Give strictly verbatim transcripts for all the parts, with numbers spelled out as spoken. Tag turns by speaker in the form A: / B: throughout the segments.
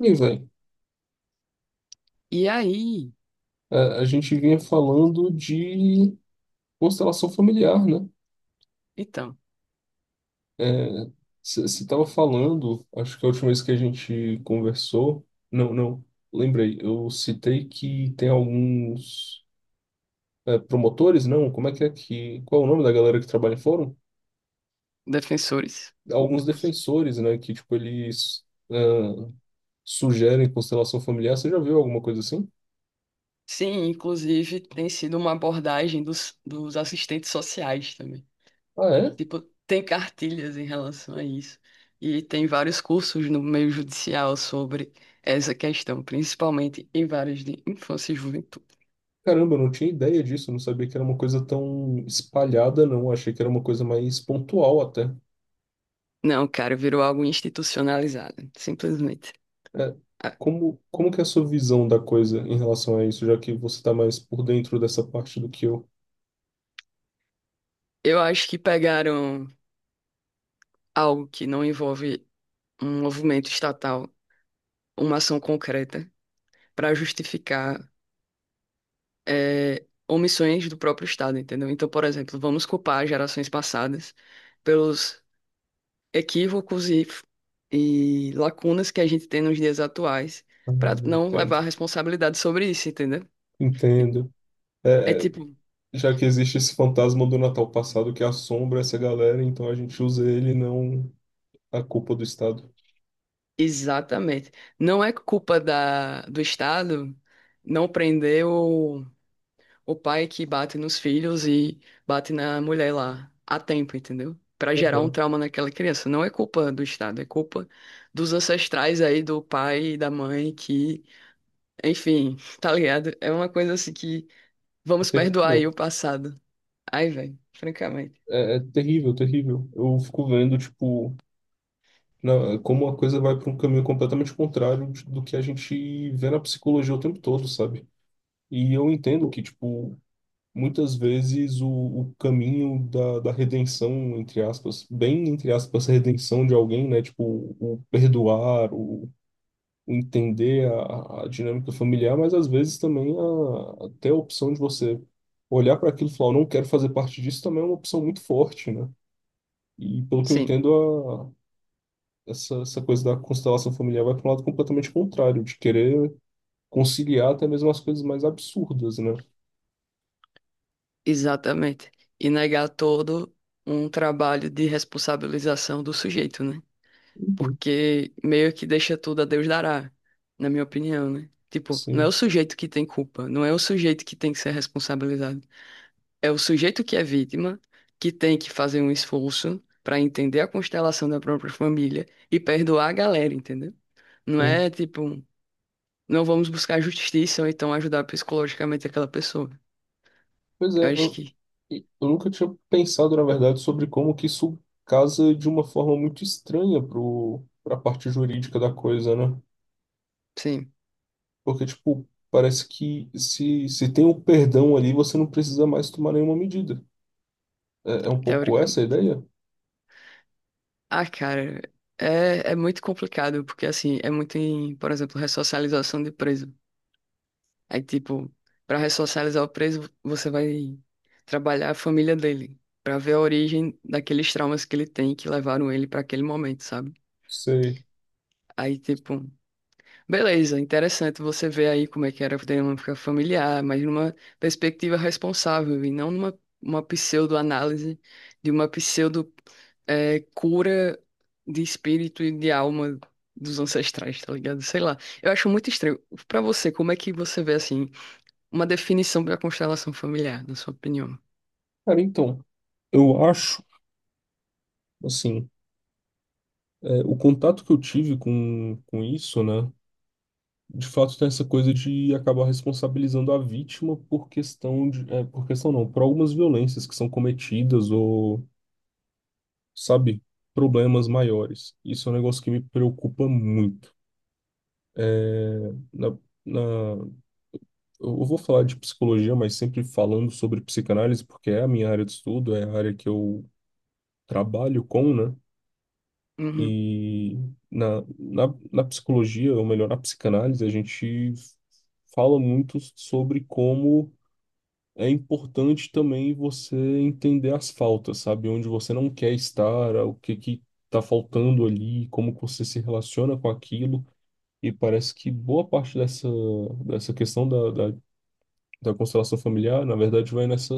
A: E, velho,
B: E aí,
A: a, a gente vinha falando de constelação familiar, né?
B: então,
A: É, você estava falando, acho que a última vez que a gente conversou, não, não, lembrei, eu citei que tem alguns é, promotores, não, como é que é que, qual é o nome da galera que trabalha em fórum?
B: defensores
A: Alguns
B: públicos.
A: defensores, né, que, tipo, eles ah, sugerem constelação familiar, você já viu alguma coisa assim?
B: Sim, inclusive tem sido uma abordagem dos, dos assistentes sociais também.
A: Ah, é?
B: Tipo, tem cartilhas em relação a isso. E tem vários cursos no meio judicial sobre essa questão, principalmente em várias de infância e juventude.
A: Caramba, eu não tinha ideia disso, eu não sabia que era uma coisa tão espalhada, não. Achei que era uma coisa mais pontual até.
B: Não, cara, virou algo institucionalizado, simplesmente.
A: É,
B: Ah,
A: como, como que é a sua visão da coisa em relação a isso, já que você está mais por dentro dessa parte do que eu?
B: Eu acho que pegaram algo que não envolve um movimento estatal, uma ação concreta, para justificar é, omissões do próprio Estado, entendeu? Então, por exemplo, vamos culpar gerações passadas pelos equívocos e, e lacunas que a gente tem nos dias atuais,
A: Ah,
B: para não
A: entendo.
B: levar a responsabilidade sobre isso, entendeu?
A: Entendo.
B: É
A: É,
B: tipo,
A: já que existe esse fantasma do Natal passado que assombra essa galera, então a gente usa ele, não a culpa do Estado.
B: exatamente. Não é culpa da, do Estado não prender o o pai que bate nos filhos e bate na mulher lá a tempo, entendeu? Pra gerar um
A: Aham.
B: trauma naquela criança. Não é culpa do Estado, é culpa dos ancestrais aí, do pai e da mãe, que, enfim, tá ligado? É uma coisa assim que
A: É
B: vamos perdoar aí
A: terrível.
B: o passado. Ai, velho, francamente.
A: É, é terrível, terrível. Eu fico vendo, tipo. Na- como a coisa vai para um caminho completamente contrário de- do que a gente vê na psicologia o tempo todo, sabe? E eu entendo que, tipo, muitas vezes o, o caminho da, da redenção, entre aspas, bem entre aspas, redenção de alguém, né? Tipo, o perdoar, o, o entender a, a dinâmica familiar, mas às vezes também a, até a opção de você olhar para aquilo e falar, eu não quero fazer parte disso, também é uma opção muito forte, né? E pelo que eu
B: Sim,
A: entendo, essa, essa coisa da constelação familiar vai para um lado completamente contrário, de querer conciliar até mesmo as coisas mais absurdas, né?
B: exatamente. E negar todo um trabalho de responsabilização do sujeito, né?
A: Uhum.
B: Porque meio que deixa tudo a Deus dará, na minha opinião, né? Tipo, não é o
A: Sim,
B: sujeito que tem culpa, não é o sujeito que tem que ser responsabilizado. É o sujeito que é vítima, que tem que fazer um esforço pra entender a constelação da própria família e perdoar a galera, entendeu? Não
A: sim.
B: é tipo, não vamos buscar justiça ou então ajudar psicologicamente aquela pessoa.
A: Pois é,
B: Eu acho
A: eu,
B: que,
A: eu nunca tinha pensado, na verdade, sobre como que isso casa de uma forma muito estranha pro, pra parte jurídica da coisa, né?
B: sim,
A: Porque, tipo, parece que se, se tem o perdão ali, você não precisa mais tomar nenhuma medida. É, é um pouco essa a
B: teoricamente.
A: ideia?
B: Ah, cara, é, é muito complicado, porque assim, é muito em, por exemplo, ressocialização de preso. Aí, tipo, pra ressocializar o preso, você vai trabalhar a família dele, pra ver a origem daqueles traumas que ele tem que levaram ele pra aquele momento, sabe?
A: Sei.
B: Aí, tipo, beleza, interessante você ver aí como é que era a dinâmica familiar, mas numa perspectiva responsável e não numa uma pseudo-análise de uma pseudo eh, cura de espírito e de alma dos ancestrais, tá ligado? Sei lá. Eu acho muito estranho. Pra você, como é que você vê assim? Uma definição para constelação familiar, na sua opinião.
A: Cara, então, eu acho, assim. É, o contato que eu tive com, com isso, né? De fato, tem essa coisa de acabar responsabilizando a vítima por questão de, é, por questão não, por algumas violências que são cometidas ou, sabe, problemas maiores. Isso é um negócio que me preocupa muito. É, na, na, eu vou falar de psicologia, mas sempre falando sobre psicanálise, porque é a minha área de estudo, é a área que eu trabalho com, né?
B: Uhum.
A: E na, na, na psicologia, ou melhor, na psicanálise, a gente fala muito sobre como é importante também você entender as faltas, sabe? Onde você não quer estar, o que que tá faltando ali, como que você se relaciona com aquilo. E parece que boa parte dessa, dessa questão da, da, da constelação familiar, na verdade, vai nessa,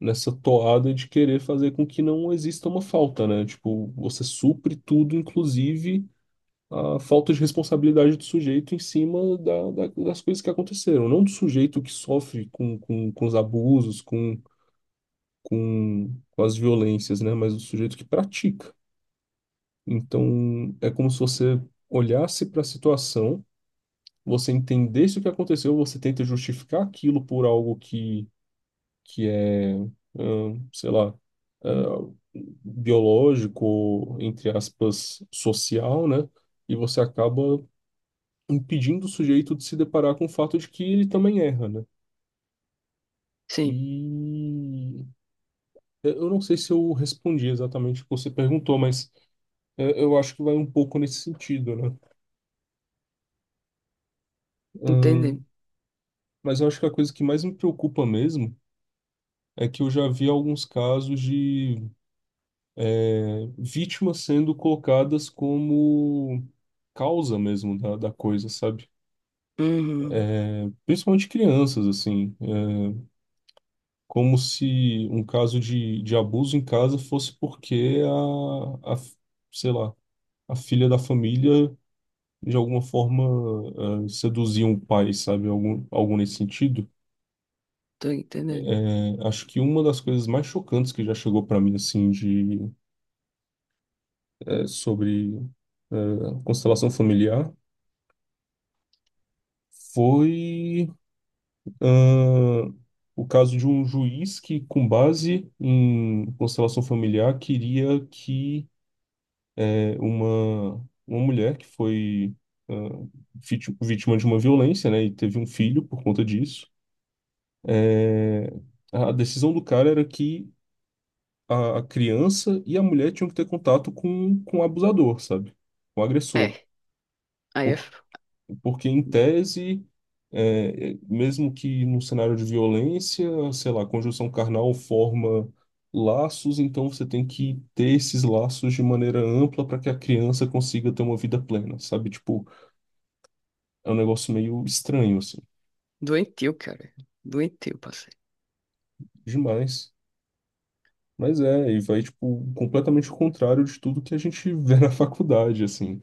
A: nessa toada de querer fazer com que não exista uma falta, né? Tipo, você supre tudo, inclusive a falta de responsabilidade do sujeito em cima da, da- das coisas que aconteceram, não do sujeito que sofre com, com, com os abusos, com, com, com as violências, né? Mas do sujeito que pratica. Então, é como se você olhasse para a situação, você entendesse o que aconteceu, você tenta justificar aquilo por algo que, que é, ahn, sei lá, ah, biológico, entre aspas, social, né? E você acaba impedindo o sujeito de se deparar com o fato de que ele também erra, né?
B: Sim,
A: E eu não sei se eu respondi exatamente o que você perguntou, mas é, eu acho que vai um pouco nesse sentido, né?
B: entendi.
A: Ahn, mas eu acho que a coisa que mais me preocupa mesmo é que eu já vi alguns casos de é, vítimas sendo colocadas como causa mesmo da, da coisa, sabe?
B: Uhum.
A: Principalmente crianças, assim. Como se um caso de, de abuso em casa fosse porque a, a, sei lá, a filha da família de alguma forma eh, seduzia um pai, sabe? Algum, algum nesse sentido.
B: Tô entendendo.
A: Eh, acho que uma das coisas mais chocantes que já chegou para mim, assim, de, eh, sobre eh, constelação familiar foi ah, o caso de um juiz que, com base em constelação familiar, queria que é, uma, uma mulher que foi ah, vit- vítima de uma violência, né, e teve um filho por conta disso. É, a decisão do cara era que a, a criança e a mulher tinham que ter contato com, com o abusador, sabe? Com o agressor.
B: É, aí é f-
A: Porque, em tese, é, é, mesmo que num cenário de violência, sei lá, conjunção carnal forma laços, então você tem que ter esses laços de maneira ampla para que a criança consiga ter uma vida plena, sabe? Tipo, é um negócio meio estranho, assim,
B: doentio, cara. Doentio, passei.
A: demais. Mas é, e vai, tipo, completamente o contrário de tudo que a gente vê na faculdade, assim.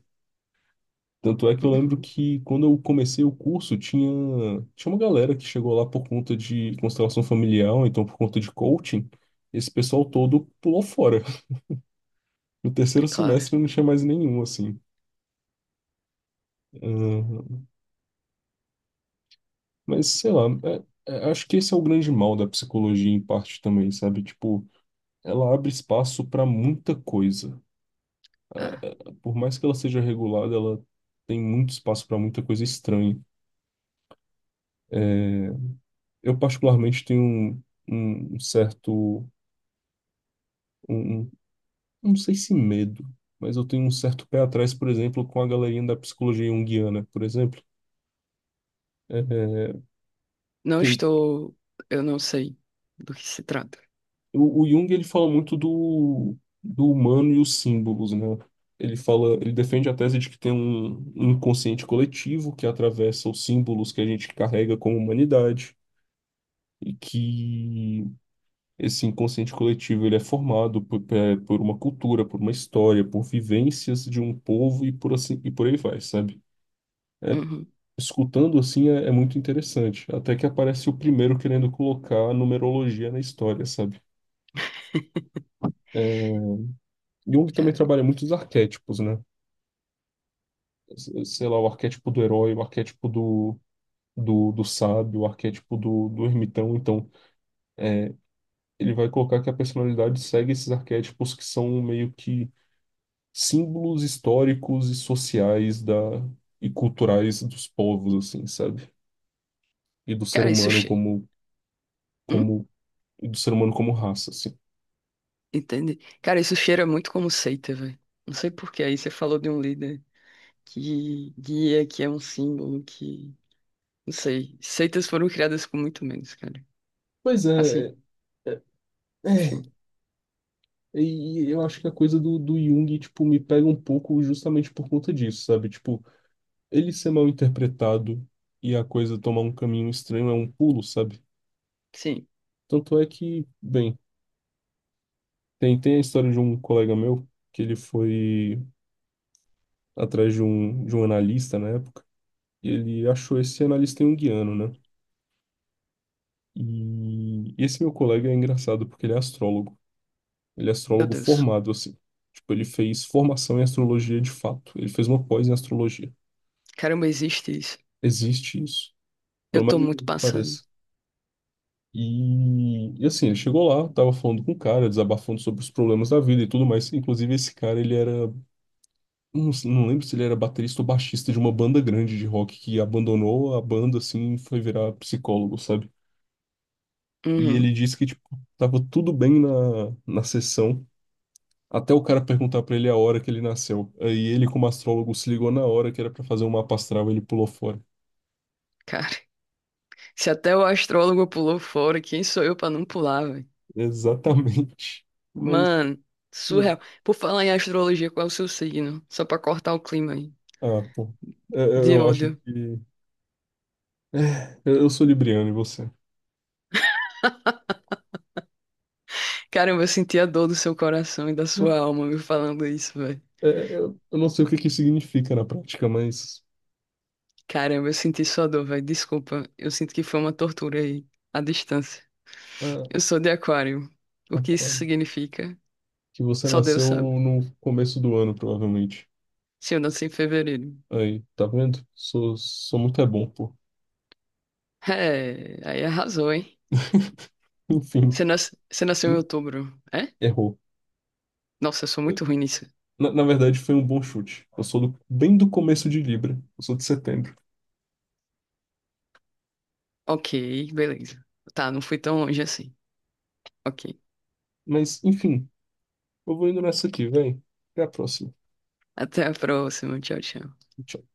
A: Tanto é que eu lembro
B: Uhum.
A: que quando eu comecei o curso, tinha, tinha uma galera que chegou lá por conta de constelação familiar, ou então por conta de coaching. Esse pessoal todo pulou fora. No terceiro
B: É claro.
A: semestre não tinha mais nenhum, assim. Ah, mas sei lá, é- é- acho que esse é o grande mal da psicologia, em parte também, sabe? Tipo, ela abre espaço para muita coisa.
B: Ah,
A: Por mais que ela seja regulada, ela tem muito espaço para muita coisa estranha. É, eu, particularmente, tenho um um um certo, um, um não sei se medo, mas eu tenho um certo pé atrás, por exemplo, com a galerinha da psicologia junguiana, por exemplo. É, é,
B: não
A: tem,
B: estou. Eu não sei do que se trata.
A: o, o Jung ele fala muito do, do humano e os símbolos, né? Ele fala, ele defende a tese de que tem um, um inconsciente coletivo que atravessa os símbolos que a gente carrega como humanidade e que esse inconsciente coletivo ele é formado por, pe- por uma cultura, por uma história, por vivências de um povo e por assim e por aí vai, sabe?
B: Uhum.
A: Escutando assim é, é muito interessante. Até que aparece o primeiro querendo colocar a numerologia na história, sabe? É, Jung também
B: Cara,
A: trabalha muitos arquétipos, né? S- Sei lá, o arquétipo do herói, o arquétipo do, do, do sábio, o arquétipo do, do ermitão. Então, ele vai colocar que a personalidade segue esses arquétipos que são meio que símbolos históricos e sociais da, e culturais dos povos, assim, sabe? E do ser
B: cara, isso.
A: humano
B: Che...
A: como,
B: Hum?
A: como, e do ser humano como raça, assim.
B: Entende? Cara, isso cheira muito como seita, velho. Não sei por quê. Aí você falou de um líder que guia, que é um símbolo, que. Não sei. Seitas foram criadas com muito menos, cara.
A: Pois
B: Assim.
A: é. é, É,
B: Enfim,
A: e eu acho que a coisa do, do Jung, tipo, me pega um pouco justamente por conta disso, sabe? Tipo, ele ser mal interpretado e a coisa tomar um caminho estranho é um pulo, sabe?
B: sim.
A: Tanto é que, bem, tem, tem a história de um colega meu que ele foi atrás de um, de um analista na época, e ele achou esse analista junguiano, né? E esse meu colega é engraçado porque ele é astrólogo. Ele é
B: Meu
A: astrólogo
B: Deus.
A: formado, assim. Tipo, ele fez formação em astrologia de fato. Ele fez uma pós em astrologia.
B: Caramba, existe isso.
A: Existe isso,
B: Eu
A: pelo
B: tô
A: mais
B: muito
A: incrível que
B: passado.
A: pareça. E, e assim, ele chegou lá, tava falando com o cara, desabafando sobre os problemas da vida e tudo mais. Inclusive, esse cara, ele era, não, não lembro se ele era baterista ou baixista de uma banda grande de rock que abandonou a banda, assim, e foi virar psicólogo, sabe? E ele
B: Uhum,
A: disse que, tipo, tava tudo bem na, na sessão, até o cara perguntar pra ele a hora que ele nasceu. Aí ele, como astrólogo, se ligou na hora que era pra fazer um mapa astral, ele pulou fora.
B: cara. Se até o astrólogo pulou fora, quem sou eu pra não pular, velho?
A: Exatamente. Mas.
B: Mano,
A: hum,
B: surreal. Por falar em astrologia, qual é o seu signo? Só pra cortar o clima aí.
A: Ah, pô. É, Eu,
B: De
A: eu acho
B: ódio.
A: que. É, eu eu sou libriano e você?
B: Caramba, eu senti a dor do seu coração e da
A: Não,
B: sua alma me falando isso, velho.
A: é, é, eu, eu não sei o que que significa na prática, mas.
B: Caramba, eu senti sua dor, velho. Desculpa. Eu sinto que foi uma tortura aí, à distância.
A: Ah,
B: Eu sou de Aquário. O que isso
A: aquário.
B: significa?
A: Que você
B: Só Deus
A: nasceu
B: sabe.
A: no começo do ano, provavelmente.
B: Se eu nasci em fevereiro.
A: Aí, tá vendo? Sou, sou muito é bom, pô.
B: É, aí arrasou, hein?
A: Enfim,
B: Você nas- você nasceu em
A: hum,
B: outubro, é?
A: errou.
B: Nossa, eu sou muito ruim nisso.
A: Na, na verdade, foi um bom chute. Eu sou do- bem do começo de Libra. Eu sou de setembro.
B: Ok, beleza. Tá, não fui tão longe assim. Ok.
A: Mas, enfim, eu vou indo nessa aqui, véi. Até a próxima.
B: Até a próxima. Tchau, tchau.
A: Tchau.